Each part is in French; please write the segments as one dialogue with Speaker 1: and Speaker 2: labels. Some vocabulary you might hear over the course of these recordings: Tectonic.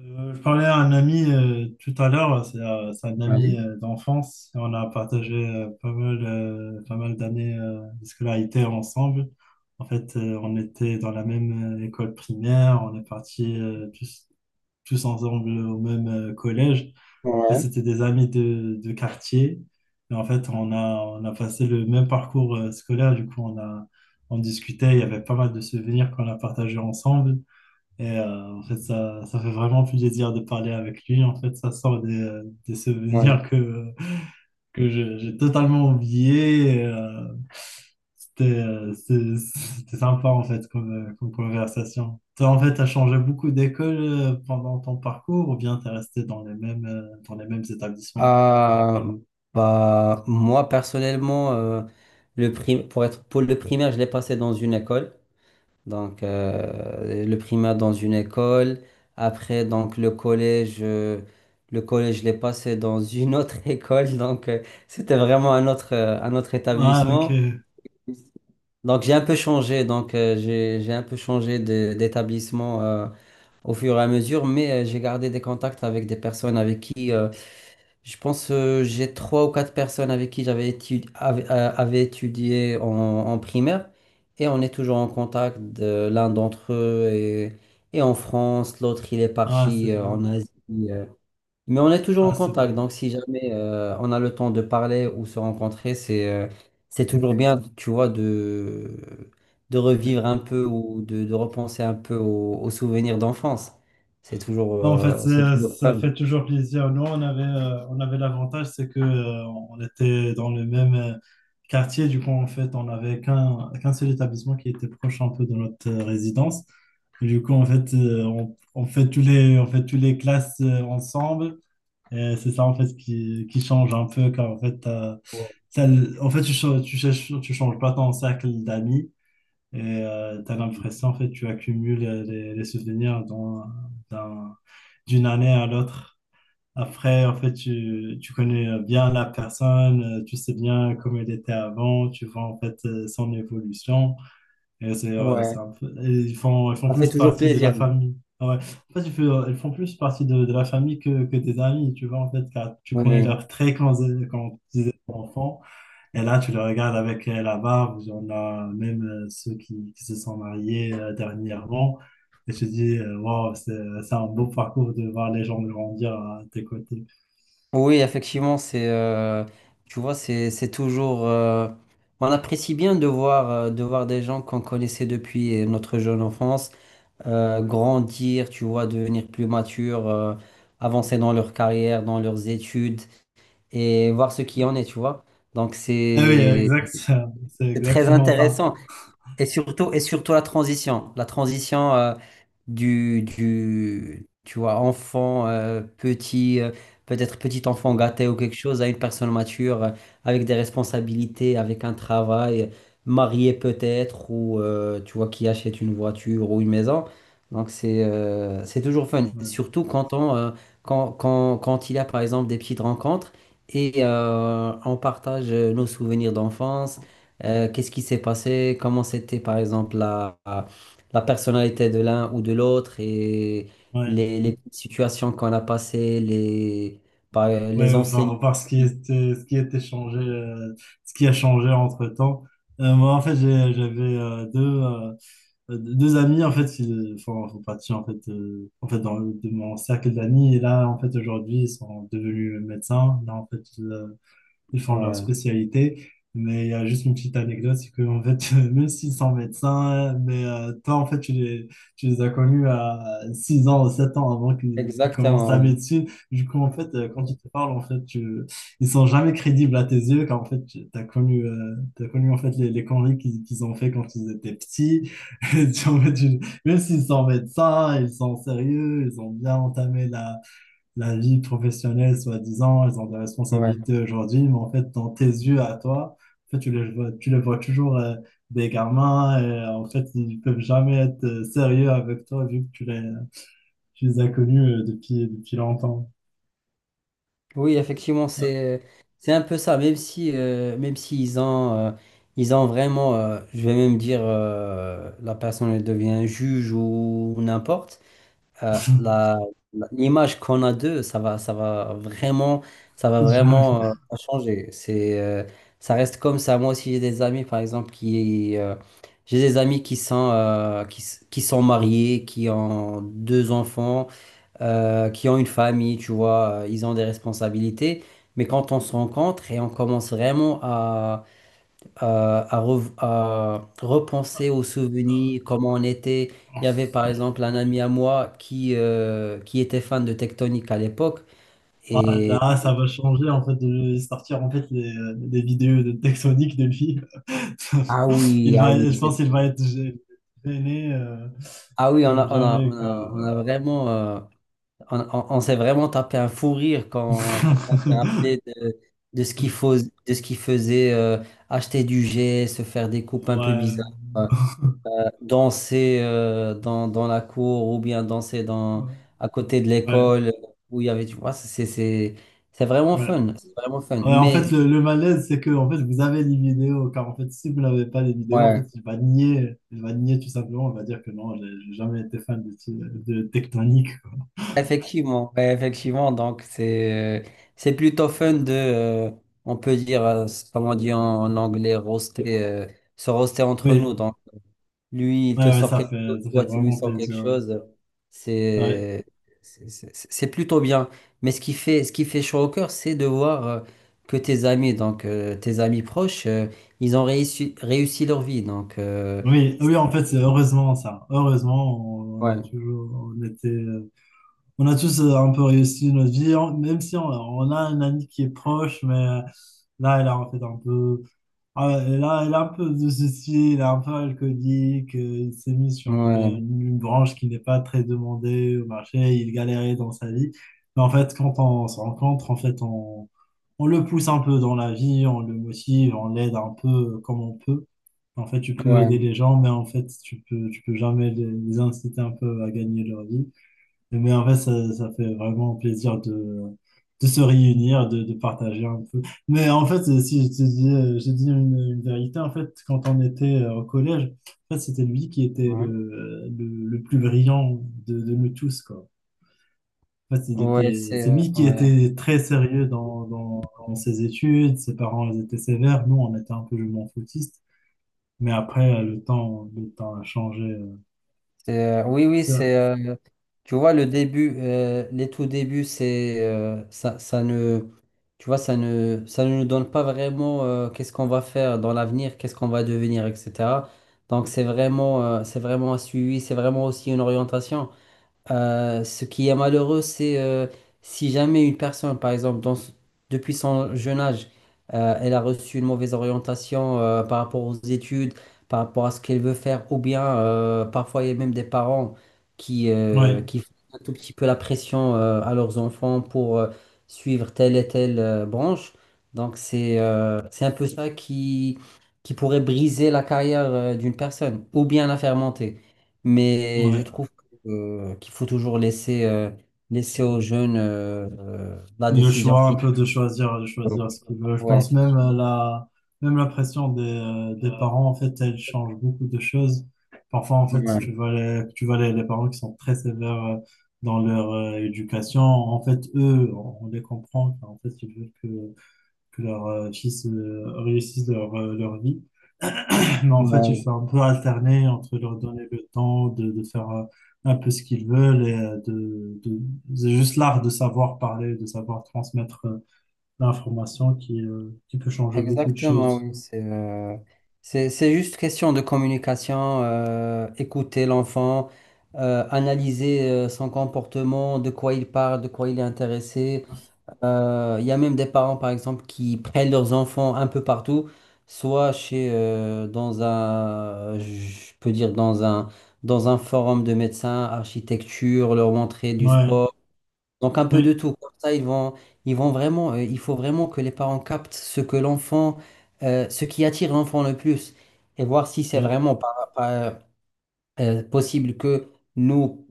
Speaker 1: Je parlais à un ami tout à l'heure, c'est un ami
Speaker 2: Ouais,
Speaker 1: d'enfance et on a partagé pas mal d'années de scolarité ensemble. En fait, on était dans la même école primaire, on est partis tous ensemble au même collège. Et
Speaker 2: ouais,
Speaker 1: c'était des amis de quartier. Et en fait, on a passé le même parcours scolaire. Du coup, on discutait, il y avait pas mal de souvenirs qu'on a partagés ensemble. Et en fait, ça fait vraiment plaisir de parler avec lui. En fait, ça sort des
Speaker 2: ouais.
Speaker 1: souvenirs j'ai totalement oubliés. Et, c'était sympa, en fait, comme conversation. Toi, en fait, tu as changé beaucoup d'école pendant ton parcours, ou bien tu es resté dans les mêmes établissements?
Speaker 2: Euh, moi, personnellement, pour être, pour le primaire, je l'ai passé dans une école. Donc, le primaire dans une école. Après, donc, le collège, je l'ai passé dans une autre école. Donc, c'était vraiment un autre
Speaker 1: Ah, ok.
Speaker 2: établissement. Donc j'ai un peu changé, donc j'ai un peu changé d'établissement au fur et à mesure, mais j'ai gardé des contacts avec des personnes avec qui. Je pense j'ai trois ou quatre personnes avec qui j'avais étudié, étudié en primaire et on est toujours en contact. L'un d'entre eux est en France, l'autre il est
Speaker 1: Ah, c'est
Speaker 2: parti
Speaker 1: bien.
Speaker 2: en Asie. euh. Mais on est toujours en
Speaker 1: Ah, c'est
Speaker 2: contact,
Speaker 1: bien.
Speaker 2: donc si jamais on a le temps de parler ou se rencontrer, c'est toujours bien, tu vois, de revivre un peu ou de repenser un peu aux souvenirs d'enfance.
Speaker 1: Non, en fait,
Speaker 2: C'est toujours
Speaker 1: ça
Speaker 2: fun.
Speaker 1: fait toujours plaisir. Nous, on avait l'avantage, c'est que, on était dans le même quartier. Du coup, en fait, on n'avait qu'un seul établissement qui était proche un peu de notre résidence. Et du coup, en fait, on fait tous les classes ensemble. Et c'est ça, en fait, qui change un peu, car en fait, en fait, tu changes pas ton cercle d'amis. Et tu as l'impression, en fait, tu accumules les souvenirs d'un- d'une année à l'autre. Après, en fait, tu connais bien la personne, tu sais bien comment elle était avant, tu vois, en fait, son évolution. Et
Speaker 2: Ouais.
Speaker 1: ils font
Speaker 2: Ça fait
Speaker 1: plus
Speaker 2: toujours
Speaker 1: partie de la
Speaker 2: plaisir.
Speaker 1: famille. Ah, ouais. En fait, ils font plus partie de la famille que tes amis, tu vois, en fait, car tu connais
Speaker 2: Oui,
Speaker 1: leurs traits quand ils étaient enfants. Et là, tu le regardes avec la barbe. On a même ceux qui se sont mariés dernièrement. Et je dis, wow, c'est un beau parcours de voir les gens grandir à tes côtés.
Speaker 2: oui, effectivement, tu vois, c'est toujours, on apprécie bien de voir des gens qu'on connaissait depuis notre jeune enfance, grandir, tu vois, devenir plus mature, avancer dans leur carrière, dans leurs études et voir ce qui en est, tu vois. Donc
Speaker 1: Eh oui, exact, c'est
Speaker 2: c'est très
Speaker 1: exactement ça.
Speaker 2: intéressant. Et surtout la transition, la transition du, tu vois, enfant, petit, peut-être petit enfant gâté ou quelque chose, à une personne mature, avec des responsabilités, avec un travail, marié peut-être, ou tu vois, qui achète une voiture ou une maison. Donc c'est toujours fun,
Speaker 1: Ouais,
Speaker 2: surtout quand quand, quand il y a par exemple des petites rencontres et on partage nos souvenirs d'enfance. Qu'est-ce qui s'est passé? Comment c'était, par exemple, la personnalité de l'un ou de l'autre et
Speaker 1: ouais,
Speaker 2: les petites situations qu'on a passées, les
Speaker 1: ouais,
Speaker 2: enseignants
Speaker 1: voir
Speaker 2: aussi.
Speaker 1: ce qui était changé, ce qui a changé entre-temps. Moi, en fait, j'avais deux amis en fait qui font partie en fait dans de mon cercle d'amis, et là en fait aujourd'hui ils sont devenus médecins. Là en fait, ils font leur
Speaker 2: Ouais,
Speaker 1: spécialité. Mais il y a juste une petite anecdote, c'est que en fait, même s'ils sont médecins, mais toi, en fait, tu les as connus à 6 ans ou 7 ans avant qu'ils commencent la
Speaker 2: exactement.
Speaker 1: médecine. Du coup, en fait, quand ils te parlent, en fait, ils sont jamais crédibles à tes yeux, car en fait, tu as connu en fait, les conneries qu'ils ont fait quand ils étaient petits. Et tu- en fait, tu- même s'ils sont médecins, ils sont sérieux, ils ont bien entamé la vie professionnelle, soi-disant, ils ont des
Speaker 2: Ouais. Ouais.
Speaker 1: responsabilités aujourd'hui, mais en fait, dans tes yeux à toi, en fait, tu les vois toujours des gamins. Et en fait, ils peuvent jamais être sérieux avec toi, vu que tu les as connus depuis longtemps.
Speaker 2: Oui, effectivement,
Speaker 1: Ouais.
Speaker 2: c'est un peu ça, même si ils ont, ils ont vraiment, je vais même dire, la personne elle devient juge ou n'importe. euh, la- L'image qu'on a d'eux, ça va
Speaker 1: Jamais.
Speaker 2: vraiment changer. Ça reste comme ça. Moi aussi, j'ai des amis, par exemple, j'ai des amis qui sont, qui sont mariés, qui ont deux enfants, qui ont une famille, tu vois, ils ont des responsabilités. Mais quand on se rencontre et on commence vraiment à repenser aux souvenirs, comment on était. Il y avait par exemple un ami à moi qui était fan de Tectonic à l'époque.
Speaker 1: Ah,
Speaker 2: Et
Speaker 1: là, ça va changer en fait de lui sortir en fait des vidéos de Texonic de lui.
Speaker 2: ah oui, ah oui,
Speaker 1: Je pense qu'il va
Speaker 2: c'était-
Speaker 1: être gêné
Speaker 2: ah oui,
Speaker 1: comme jamais,
Speaker 2: on a
Speaker 1: quoi.
Speaker 2: vraiment, on s'est vraiment tapé un fou rire
Speaker 1: Ouais,
Speaker 2: quand on s'est rappelé de ce qu'il faisait, acheter du jet, se faire des coupes un peu bizarres. euh, Danser dans la cour ou bien danser
Speaker 1: ouais,
Speaker 2: à côté de l'école où il y avait, tu vois, c'est vraiment
Speaker 1: ouais.
Speaker 2: fun, c'est vraiment fun.
Speaker 1: Ouais, en fait,
Speaker 2: Mais
Speaker 1: le malaise, c'est que en fait, vous avez les vidéos, car en fait, si vous n'avez pas les vidéos, en fait,
Speaker 2: ouais,
Speaker 1: il va nier tout simplement. Il va dire que non, j'ai jamais été fan de Tectonic.
Speaker 2: ouais, effectivement, donc c'est plutôt fun on peut dire, comment on dit en anglais, roaster, se roaster entre nous.
Speaker 1: Oui,
Speaker 2: Donc, lui, il te
Speaker 1: ouais, ouais,
Speaker 2: sort
Speaker 1: ça
Speaker 2: quelque chose,
Speaker 1: fait, ça fait
Speaker 2: toi, tu lui
Speaker 1: vraiment
Speaker 2: sors quelque
Speaker 1: plaisir.
Speaker 2: chose.
Speaker 1: Ouais.
Speaker 2: C'est c'est plutôt bien. Mais ce qui fait chaud au cœur, c'est de voir que tes amis, donc tes amis proches, ils ont réussi leur vie. Donc,
Speaker 1: Oui, oui, en fait, c'est heureusement ça. Heureusement, on a
Speaker 2: ouais,
Speaker 1: toujours, on était, on a tous un peu réussi notre vie, même si on a un ami qui est proche, mais là, il a en fait un peu. Ah, elle a un peu de ceci, elle est un peu alcoolique. Il s'est mis sur une,
Speaker 2: ouais,
Speaker 1: une branche qui n'est pas très demandée au marché, il galérait dans sa vie. Mais en fait, quand on se rencontre, en fait, on le pousse un peu dans la vie, on le motive, on l'aide un peu comme on peut. En fait, tu peux aider
Speaker 2: ouais,
Speaker 1: les gens, mais en fait, tu peux jamais les inciter un peu à gagner leur vie. Mais en fait, ça fait vraiment plaisir de, se réunir, de partager un peu. Mais en fait, si je te dis, j'ai dit une vérité. En fait, quand on était au collège, en fait, c'était lui qui était
Speaker 2: ouais,
Speaker 1: le plus brillant de nous tous, quoi. En fait, il était, c'est lui qui
Speaker 2: ouais.
Speaker 1: était très sérieux dans ses études, ses parents ils étaient sévères, nous, on était un peu je m'en foutiste. Mais après, le temps a changé.
Speaker 2: Oui, oui,
Speaker 1: Ça.
Speaker 2: c'est. Tu vois, le début, les tout débuts, ça ne. Tu vois, ça ne nous donne pas vraiment qu'est-ce qu'on va faire dans l'avenir, qu'est-ce qu'on va devenir, etc. Donc, c'est vraiment un suivi, c'est vraiment aussi une orientation. Ce qui est malheureux, c'est si jamais une personne, par exemple, depuis son jeune âge, elle a reçu une mauvaise orientation par rapport aux études, par rapport à ce qu'elle veut faire, ou bien parfois il y a même des parents
Speaker 1: Ouais,
Speaker 2: qui font un tout petit peu la pression à leurs enfants pour suivre telle et telle branche. Donc c'est un peu ça qui pourrait briser la carrière d'une personne, ou bien la faire monter. Mais je
Speaker 1: ouais.
Speaker 2: trouve qu'il faut toujours laisser, laisser aux jeunes la
Speaker 1: Le
Speaker 2: décision
Speaker 1: choix, un
Speaker 2: finale.
Speaker 1: peu de
Speaker 2: Donc,
Speaker 1: choisir, ce qu'il veut. Je
Speaker 2: Ouais,
Speaker 1: pense même à
Speaker 2: effectivement.
Speaker 1: même la pression des parents, en fait, elle change beaucoup de choses. Parfois, en fait, tu
Speaker 2: Ouais.
Speaker 1: vois les, tu vois les, les parents qui sont très sévères dans leur éducation. En fait, eux, on les comprend. En fait, ils veulent que leur fils réussisse leur vie. Mais en fait, il faut
Speaker 2: Ouais.
Speaker 1: un peu alterner entre leur donner le temps de faire un peu ce qu'ils veulent, et c'est juste l'art de savoir parler, de savoir transmettre l'information qui peut changer beaucoup de
Speaker 2: Exactement,
Speaker 1: choses.
Speaker 2: oui. C'est juste question de communication, écouter l'enfant, analyser son comportement, de quoi il parle, de quoi il est intéressé. Il y a même des parents, par exemple, qui prennent leurs enfants un peu partout, soit je peux dire, dans un forum de médecins, architecture, leur montrer du
Speaker 1: Ouais,
Speaker 2: sport, donc un peu de
Speaker 1: oui,
Speaker 2: tout. Comme ça, ils vont vraiment, il faut vraiment que les parents captent ce que l'enfant, ce qui attire l'enfant le plus, et voir si c'est
Speaker 1: oui.
Speaker 2: vraiment possible que nous,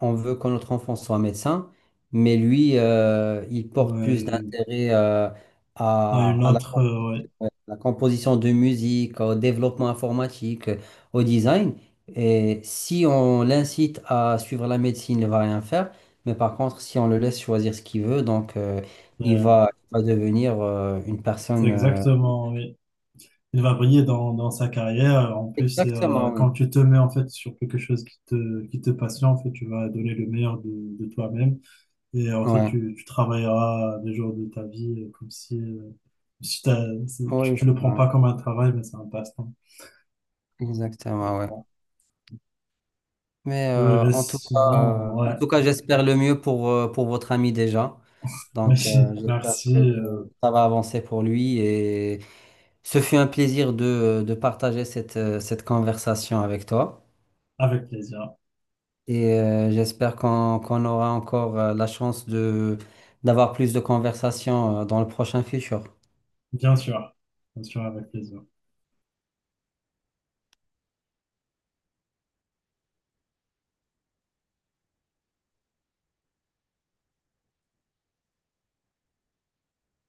Speaker 2: on veut que notre enfant soit médecin, mais lui, il
Speaker 1: Ouais,
Speaker 2: porte plus d'intérêt
Speaker 1: à
Speaker 2: à,
Speaker 1: une
Speaker 2: à la,
Speaker 1: autre, ouais.
Speaker 2: à la composition de musique, au développement informatique, au design. Et si on l'incite à suivre la médecine, il ne va rien faire. Mais par contre, si on le laisse choisir ce qu'il veut, donc
Speaker 1: Euh,
Speaker 2: il va devenir une
Speaker 1: C'est
Speaker 2: personne.
Speaker 1: exactement, oui. Il va briller dans sa carrière. En plus,
Speaker 2: Exactement, oui.
Speaker 1: quand tu te mets en fait sur quelque chose qui te passionne, en fait, tu vas donner le meilleur de toi-même. Et en fait,
Speaker 2: Ouais.
Speaker 1: tu travailleras des jours de ta vie comme si,
Speaker 2: Oui,
Speaker 1: tu
Speaker 2: c'est
Speaker 1: le prends
Speaker 2: vrai.
Speaker 1: pas comme un travail, mais c'est un passe-temps. Je
Speaker 2: Exactement, ouais.
Speaker 1: comprends.
Speaker 2: Mais
Speaker 1: Mais sinon,
Speaker 2: en
Speaker 1: ouais.
Speaker 2: tout cas, j'espère le mieux pour votre ami déjà. Donc, j'espère que
Speaker 1: Merci.
Speaker 2: ça va avancer pour lui. Et ce fut un plaisir de partager cette conversation avec toi.
Speaker 1: Avec plaisir.
Speaker 2: Et j'espère qu'on aura encore la chance de d'avoir plus de conversations dans le prochain futur.
Speaker 1: Bien sûr. Bien sûr, avec plaisir.